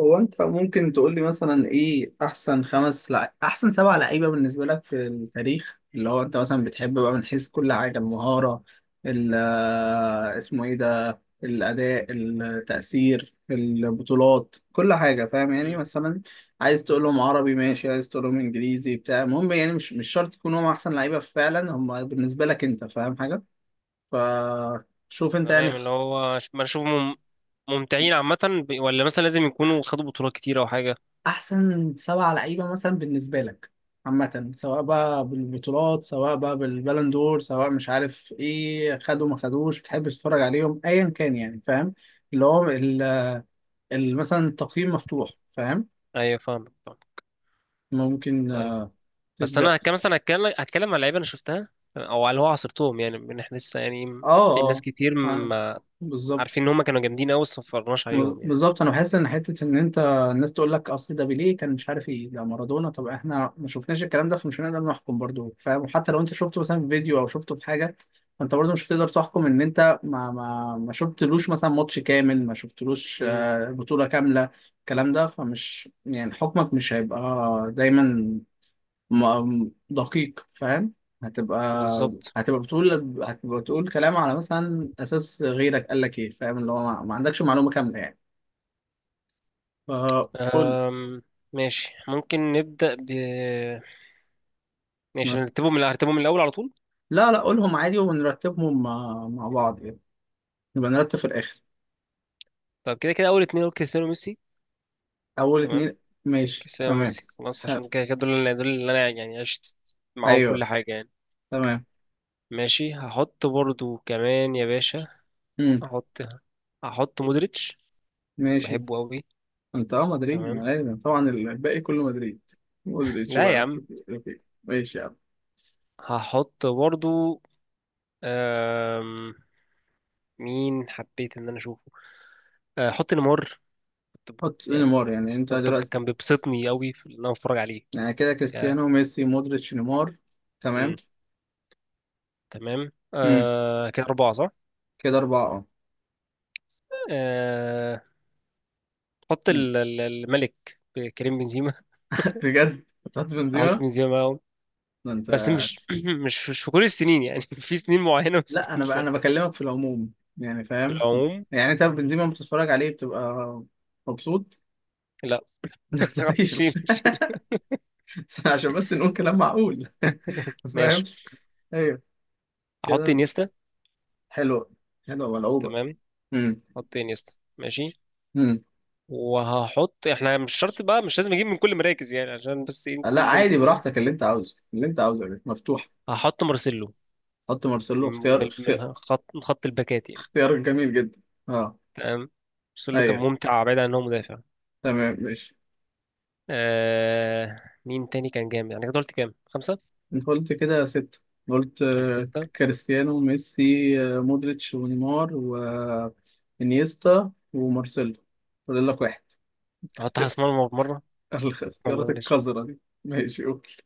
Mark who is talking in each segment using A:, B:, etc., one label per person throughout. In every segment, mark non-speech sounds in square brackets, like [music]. A: هو انت ممكن تقول لي مثلا ايه احسن احسن سبع لعيبه بالنسبه لك في التاريخ اللي هو انت مثلا بتحب بقى من حيث كل حاجه المهاره ال آه، اسمه ايه ده الاداء التاثير البطولات كل حاجه فاهم يعني
B: مم.
A: مثلا عايز تقول لهم عربي ماشي عايز تقول لهم انجليزي بتاع المهم يعني مش شرط يكونوا هم احسن لعيبه فعلا هم بالنسبه لك انت فاهم حاجه فشوف انت يعني
B: تمام، اللي هو ما اشوفهم ممتعين عامة، ولا مثلا لازم يكونوا خدوا بطولات كتير او حاجة؟
A: احسن سبع لعيبه مثلا بالنسبه لك عامه سواء بقى بالبطولات سواء بقى بالبالون دور سواء مش عارف ايه خدوا ما خدوش بتحب تتفرج عليهم ايا كان يعني فاهم اللي هو مثلا التقييم مفتوح فاهم
B: ايوه فاهمك فاهم.
A: ممكن
B: طيب، بس
A: تبدا.
B: انا كان مثلا هتكلم عن لعيبة انا شفتها او على اللي هو عصرتهم، يعني من احنا لسه، يعني
A: اه
B: في ناس
A: اه
B: كتير
A: آه،
B: ما عارفين
A: بالظبط.
B: ان هم كانوا جامدين قوي بس ما اتفرجناش عليهم يعني.
A: بالظبط انا بحس ان حته ان انت الناس تقول لك اصل ده بيليه كان مش عارف ايه ده مارادونا. طب احنا ما شفناش الكلام ده فمش هنقدر نحكم برضو فاهم، وحتى لو انت شفته مثلا في فيديو او شفته في حاجه فانت برضو مش هتقدر تحكم ان انت ما شفتلوش مثلا ماتش كامل ما شفتلوش
B: امم
A: بطوله كامله الكلام ده فمش يعني حكمك مش هيبقى دايما دقيق فاهم. هتبقى
B: بالظبط.
A: هتبقى بتقول هتبقى بتقول كلام على مثلا اساس غيرك قال لك ايه فاهم اللي هو ما عندكش معلومه كامله يعني فقول
B: أم... ماشي، ممكن نبدأ ب، ماشي
A: مثلا.
B: هنرتبهم من هرتبهم من الاول على طول.
A: لا لا قولهم عادي ونرتبهم مع, مع بعض يعني، نبقى نرتب في الآخر.
B: طب كده كده اول اتنين هو كريستيانو وميسي.
A: أول
B: تمام،
A: اتنين ماشي
B: كريستيانو
A: تمام.
B: وميسي خلاص،
A: حلو.
B: عشان كده كده دول اللي انا يعني عشت معاهم كل
A: أيوه
B: حاجة يعني.
A: تمام.
B: ماشي، هحط برضو كمان يا باشا.
A: مم.
B: هحط هحط مودريتش،
A: ماشي.
B: بحبه قوي.
A: أنت أه مدريد ما
B: تمام،
A: لازم طبعا الباقي كله مدريد. مودريتش
B: لا يا
A: بقى.
B: عم،
A: أوكي. ماشي يا عم.
B: هحط برضو. أم... مين حبيت ان انا اشوفه؟ هحط نيمار. كنت ب-
A: حط
B: يعني
A: نيمار يعني أنت
B: كنت ب-
A: دلوقتي
B: كان بيبسطني قوي في ان انا اتفرج عليه.
A: يعني كده
B: ك...
A: كريستيانو ميسي مودريتش نيمار. تمام.
B: مم. تمام،
A: مم.
B: كده أربعة صح.
A: كده أربعة أه.
B: أه... حط
A: مم.
B: الملك كريم بنزيما.
A: [laughs] بجد هتحط
B: [laughs] احط
A: بنزيما؟
B: بنزيما.
A: ده أنت!
B: بس مش [clears throat] مش في كل السنين يعني، [laughs] في سنين معينة
A: لا انا
B: وسنين لا.
A: انا بكلمك في العموم يعني
B: في
A: فاهم.
B: العموم.
A: يعني انت بنزيما لما بتتفرج عليه بتبقى مبسوط؟
B: لا، [laughs]
A: [laughs]
B: خلاص
A: طيب.
B: شيل
A: [laughs]
B: شيل.
A: بس عشان بس نقول كلام معقول فاهم.
B: ماشي،
A: ايوه
B: هحط
A: كده.
B: انيستا.
A: حلوه. حلوه ملعوبه.
B: تمام،
A: امم.
B: هحط انيستا. ماشي،
A: امم.
B: وهحط، احنا مش شرط بقى، مش لازم اجيب من كل مراكز يعني، عشان بس ايه
A: لا
B: نكون
A: عادي
B: برضو ايه.
A: براحتك اللي انت عاوزه اللي انت عاوزه يا باشا. مفتوح.
B: هحط مارسيلو،
A: حط مارسيلو اختيار
B: من
A: اختيار.
B: الخط، من خط الباكات يعني.
A: اختيار جميل جدا. اه.
B: تمام، مارسيلو كان
A: ايوه
B: ممتع بعيد عن ان هو مدافع.
A: تمام ماشي.
B: مين تاني كان جامد يعني؟ كده قلت كام، خمسة؟
A: انت قلت كده ستة. قلت
B: قلت ستة.
A: كريستيانو ميسي، مودريتش ونيمار وانيستا ومارسيلو. فاضل لك واحد.
B: هحط حارس مرمى مرة،
A: [laughs]
B: ولا
A: الاختيارات
B: بلاش.
A: القذرة دي ماشي اوكي.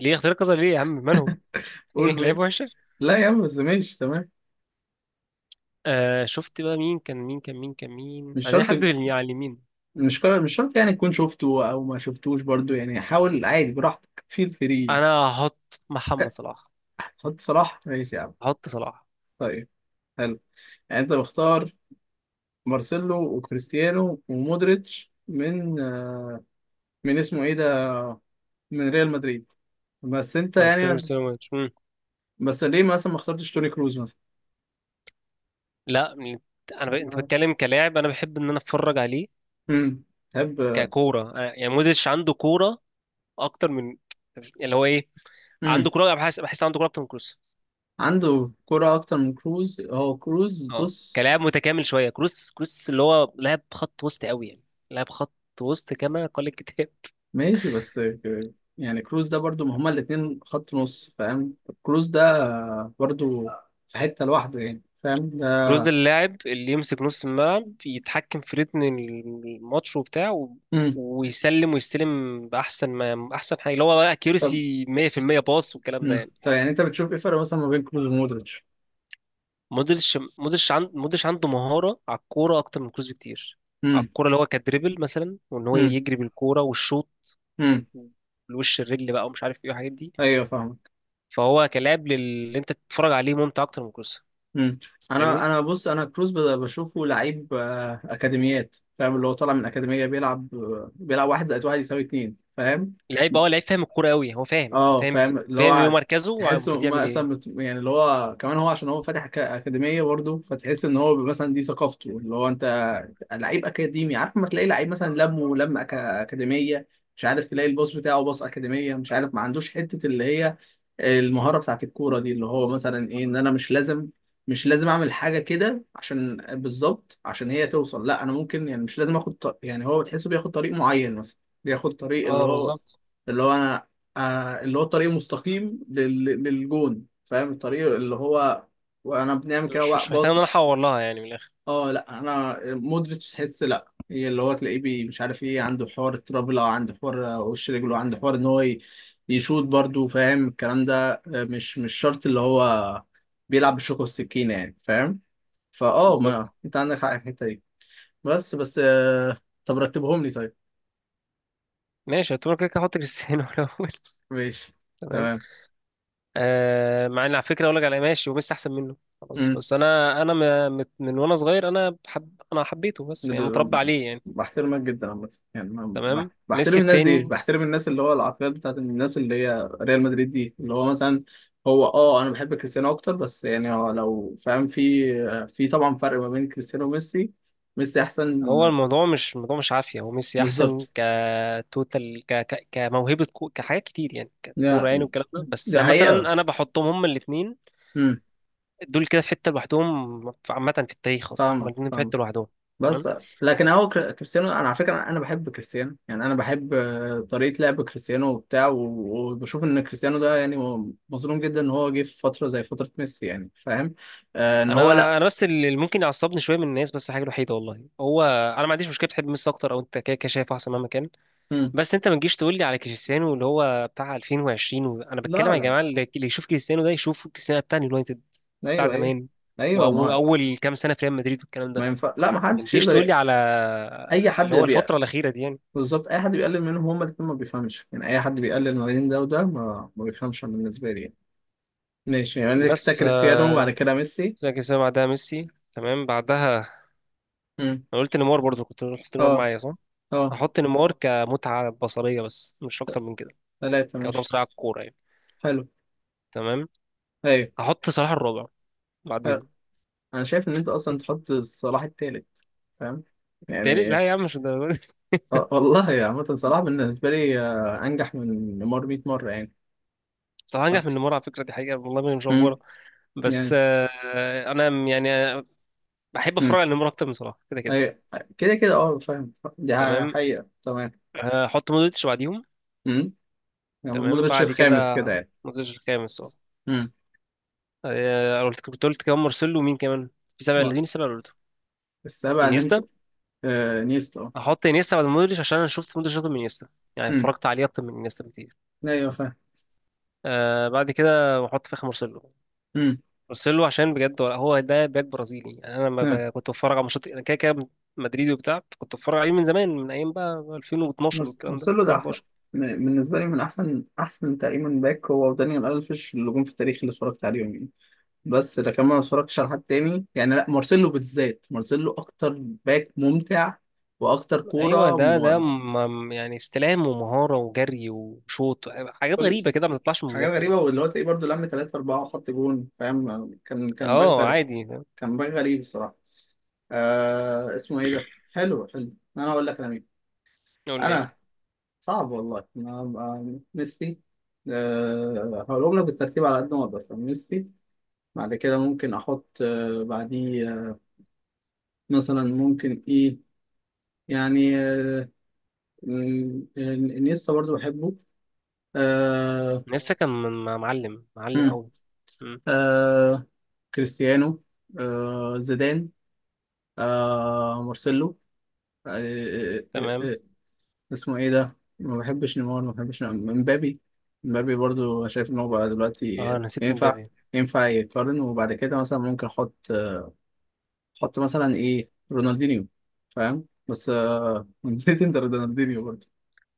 B: ليه اختيار كذا؟ ليه يا عم مالهم؟ [laughs]
A: قول
B: ايه لعيب
A: مين.
B: وحشة؟
A: لا يا عم بس ماشي تمام.
B: آه، شفت بقى مين كان مين
A: مش
B: عايزين،
A: شرط.
B: حد في على اليمين.
A: مش شرط يعني تكون شفته او ما شفتوش برضو يعني، حاول عادي براحتك فيل فري.
B: انا هحط محمد صلاح.
A: حط صلاح ماشي يا عم.
B: هحط صلاح
A: طيب. حلو. يعني انت مختار مارسيلو وكريستيانو ومودريتش من من اسمه ايه ده من ريال مدريد. بس انت يعني
B: مارسيلو
A: بس,
B: سيلومانش.
A: بس ليه مثلا ما اخترتش توني كروز مثلا؟
B: لا، انت بتكلم كلاعب، انا بحب ان انا اتفرج عليه
A: امم. تحب.
B: ككورة. يعني مودريتش عنده كورة اكتر من [tsk] اللي هو ايه، عنده
A: امم.
B: كورة، بحس عنده كورة اكتر من كروس.
A: عنده كرة اكتر من كروز. هو كروز
B: اه،
A: بص
B: كلاعب متكامل شوية. كروس اللي هو لاعب خط وسط قوي يعني، لاعب خط وسط كما قال الكتاب.
A: ماشي يعني كروز ده برضو ما هما الاتنين خط نص فاهم. كروز ده برضو في حتة لوحده يعني فاهم
B: كروز
A: ده.
B: اللاعب اللي يمسك نص الملعب، يتحكم في رتم الماتش وبتاع
A: امم.
B: ويسلم ويستلم بأحسن ما، أحسن حاجة اللي هو بقى
A: طب.
B: أكيورسي 100% باص والكلام ده يعني.
A: طب يعني انت بتشوف ايه الفرق مثلا ما بين كروز ومودريتش؟
B: مودريتش عنده مهارة على الكورة أكتر من كروز بكتير، على
A: امم.
B: الكورة، اللي هو كدريبل مثلا، وإن هو
A: امم.
B: يجري بالكورة، والشوط
A: امم.
B: بالوش الرجل بقى ومش عارف إيه الحاجات دي.
A: ايوه فاهم.
B: فهو كلاعب اللي أنت تتفرج عليه ممتع أكتر من كروز.
A: مم. انا
B: فاهمني؟
A: انا بص انا كروز بشوفه لعيب اكاديميات فاهم، اللي هو طالع من اكاديميه بيلعب بيلعب واحد زائد واحد يساوي اتنين فاهم.
B: لعيب اه، لعيب فاهم الكورة أوي، هو فاهم،
A: اه
B: فاهم
A: فاهم. اللي
B: فاهم
A: هو
B: مركزه
A: تحسه
B: ومفروض يعمل إيه.
A: مثلا يعني اللي هو كمان هو عشان هو فاتح اكاديميه برضه، فتحس ان هو مثلا دي ثقافته اللي هو انت لعيب اكاديمي عارف، ما تلاقي لعيب مثلا لمه لم ولم اكاديميه، مش عارف تلاقي الباص بتاعه باص اكاديميه، مش عارف ما عندوش حته اللي هي المهاره بتاعت الكوره دي، اللي هو مثلا ايه ان انا مش لازم مش لازم اعمل حاجه كده عشان بالظبط عشان هي توصل. لا انا ممكن يعني مش لازم اخد طريق يعني، هو بتحسه بياخد طريق معين مثلا. بياخد طريق اللي
B: اه
A: هو
B: بالظبط،
A: اللي هو انا آه اللي هو الطريق المستقيم للجون فاهم، الطريق اللي هو وانا بنعمل كده
B: مش محتاج ان
A: باص.
B: انا احور لها يعني من الاخر.
A: اه لا انا مودريتش تحس لا هي اللي هو تلاقيه مش عارف ايه عنده حوار الترابل او عنده حوار وش رجله، عنده حوار ان هو يشوط برضه فاهم الكلام ده مش شرط اللي هو بيلعب بالشوكة والسكينة يعني فاهم. فاه ما
B: بالظبط.
A: انت عندك حق في الحتة دي. بس بس طب رتبهم لي طيب.
B: ماشي، هتقول كده كده هحط كريستيانو [laughs] الاول.
A: ماشي
B: تمام.
A: تمام.
B: آه، مع ان على فكره اقول لك على، ماشي، وميسي احسن منه خلاص، بس انا من وانا صغير انا بحب، انا حبيته بس يعني متربى عليه يعني.
A: بحترمك جدا عامة يعني
B: تمام،
A: بحترم
B: ميسي
A: الناس دي،
B: التاني.
A: بحترم الناس اللي هو العقليات بتاعت الناس اللي هي ريال مدريد دي اللي هو مثلا. هو اه انا بحب كريستيانو اكتر بس يعني هو لو فاهم، في طبعا فرق ما بين كريستيانو وميسي. ميسي احسن.
B: هو الموضوع مش عافيه، هو ميسي احسن
A: بالظبط.
B: كتوتال، كموهبه، كحاجات كتير يعني،
A: لا،
B: ككوره يعني، والكلام ده. بس
A: دي
B: مثلا
A: حقيقة.
B: انا بحطهم هما الاثنين
A: امم.
B: دول كده في حته لوحدهم. عامه في التاريخ اصلا هما
A: فاهمك
B: الاثنين في حته
A: فاهمك.
B: لوحدهم. تمام.
A: بس لكن هو كريستيانو انا على فكره انا بحب كريستيانو، يعني انا بحب طريقه لعب كريستيانو وبتاع وبشوف ان كريستيانو ده يعني مظلوم جدا ان هو جه في فتره زي فتره ميسي يعني فاهم. آه ان هو لا.
B: انا بس اللي ممكن يعصبني شويه من الناس، بس حاجه وحيده والله، هو انا ما عنديش مشكله تحب ميسي اكتر او انت كده كده شايف احسن مهما كان،
A: مم.
B: بس انت ما تجيش تقول لي على كريستيانو اللي هو بتاع 2020 انا بتكلم
A: لا
B: يا
A: لا.
B: جماعه، اللي يشوف كريستيانو ده يشوف كريستيانو بتاع اليونايتد بتاع
A: ايوه ايوه.
B: زمان
A: ايوه ما هو.
B: واول كام سنه في ريال مدريد والكلام
A: ما
B: ده.
A: ينفع لا ما
B: ما
A: حدش
B: تجيش
A: يقدر
B: تقول لي على
A: اي حد
B: اللي هو
A: بيقل.
B: الفتره الاخيره دي يعني.
A: بالظبط اي حد بيقلل منهم هما الاثنين ما بيفهمش، يعني اي حد بيقلل ما بين ده وده ما بيفهمش أنا بالنسبه لي يعني. ماشي يعني كده
B: بس
A: كريستيانو وبعد كده ميسي.
B: زي كريستيانو بعدها ميسي. تمام، بعدها
A: مم.
B: انا قلت نيمار برضو، كنت قلت نيمار
A: اه
B: معايا صح.
A: اه.
B: هحط نيمار كمتعه بصريه بس مش اكتر من كده،
A: ثلاثه
B: كان ده
A: ماشي.
B: بصراحة الكورة يعني.
A: حلو.
B: تمام،
A: ايوه.
B: هحط صلاح الرابع
A: حلو.
B: بعديهم.
A: انا شايف ان انت اصلا تحط صلاح التالت فاهم
B: تالت
A: يعني.
B: لا يا عم، مش الدرجة دي.
A: والله عامة صلاح بالنسبة لي انجح من نيمار 100 مرة يعني.
B: [laughs] صلاح انجح من نيمار على فكرة، دي حقيقة والله، ما مش
A: امم.
B: أفورة. بس
A: يعني.
B: أنا بحب أتفرج
A: امم.
B: على نيمار أكتر من صلاح كده كده.
A: ايوه كده كده اه فاهم. دي
B: تمام،
A: حقيقة تمام.
B: هحط مودريتش بعديهم.
A: امم. يعني
B: تمام،
A: مودريتش
B: بعد كده
A: الخامس كده يعني.
B: مودريتش الخامس اه.
A: امم.
B: كنت قلت كمان مارسيلو ومين كمان؟ في سبعة، اللي
A: واحد.
B: مين السبعة اللي قلته؟
A: السابع اللي انت.
B: انيستا.
A: آه نيستا اه.
B: هحط انيستا بعد مودريتش عشان انا شفت مودريتش اكتر من انيستا، يعني
A: امم.
B: اتفرجت عليه اكتر من انيستا بكتير.
A: ايوه فاهم.
B: آه، بعد كده هحط في اخر مارسيلو
A: امم.
B: ارسله عشان بجد، ولا هو ده باك برازيلي يعني، انا لما
A: نعم.
B: كنت بتفرج على ماتشات انا كده كده مدريدي وبتاع، كنت بتفرج عليه من زمان، من ايام بقى 2012 والكلام ده،
A: مارسيلو ده احلى
B: 2011.
A: بالنسبة لي من احسن احسن تقريبا باك، هو ودانيال الفيش اللي جم في التاريخ اللي اتفرجت عليهم. بس لكن ما اتفرجتش على حد تاني يعني، لا مارسيلو بالذات مارسيلو اكتر باك ممتع واكتر
B: ايوه،
A: كوره
B: ده يعني استلام ومهاره وجري وشوط، حاجات
A: كل
B: غريبه كده ما تطلعش من
A: حاجات
B: المدافع
A: غريبه،
B: يعني.
A: واللي هو تلاقيه برضه لم 3 4 وحط جون فاهم. كان باك
B: اه
A: غريب.
B: عادي، فاهم؟
A: كان باك غريب الصراحه. اسمه ايه ده، حلو حلو. انا اقول لك انا مين
B: يقول لي يعني.
A: انا. صعب والله ميسي. آه هقولهم لك بالترتيب على قد ما اقدر. ميسي، بعد كده ممكن احط آه بعديه مثلا ممكن ايه يعني مم، انيستا برضو بحبه. آه.
B: لسه كان معلم معلم
A: مم،
B: قوي. مم.
A: آه كريستيانو، آه زيدان، آه مارسيلو، آه آه آه آه
B: تمام،
A: آه، اسمه ايه ده. ما بحبش نيمار، ما بحبش مبابي. مبابي برضو أنا شايف ان هو بقى
B: اه
A: دلوقتي
B: أنا نسيت
A: ينفع
B: مبابي.
A: ينفع يقارن. وبعد كده مثلا ممكن احط، احط مثلا ايه رونالدينيو فاهم. بس آه [laughs] نسيت انت رونالدينيو برضو.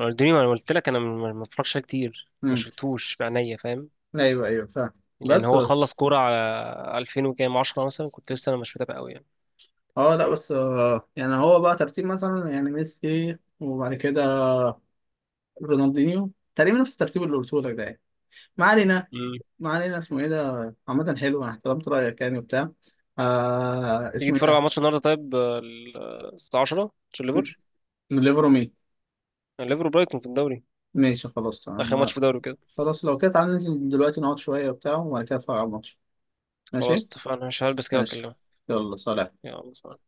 B: رونالدينيو انا قلت لك انا ما بتفرجش عليه كتير، ما
A: مم،
B: شفتوش بعينيا فاهم.
A: ايوه ايوه فاهم.
B: يعني
A: بس
B: هو
A: بس
B: خلص كورة على 2000 وكام 10 مثلا، كنت لسه انا مش متابع قوي يعني.
A: اه لا بس يعني هو بقى ترتيب مثلا يعني ميسي وبعد كده رونالدينيو تقريبا نفس الترتيب اللي قلته لك ده يعني. ما علينا.
B: مم.
A: ما علينا اسمه ايه ده. عامة حلو انا احترمت رأيك يعني وبتاع. آه
B: تيجي
A: اسمه ايه
B: تتفرج على
A: ده.
B: ماتش النهارده طيب؟ الساعة 10، ماتش
A: م-
B: الليفر،
A: من ليفرو مين؟
B: الليفر وبرايتون في الدوري،
A: ماشي خلاص تمام
B: اخر ماتش في الدوري كده.
A: خلاص لو كده تعالى ننزل دلوقتي نقعد شوية وبتاع وبعد كده نتفرج على الماتش.
B: خلاص
A: ماشي.
B: اتفقنا، مش هلبس كده
A: ماشي
B: واكلمك.
A: يلا سلام.
B: يلا سلام.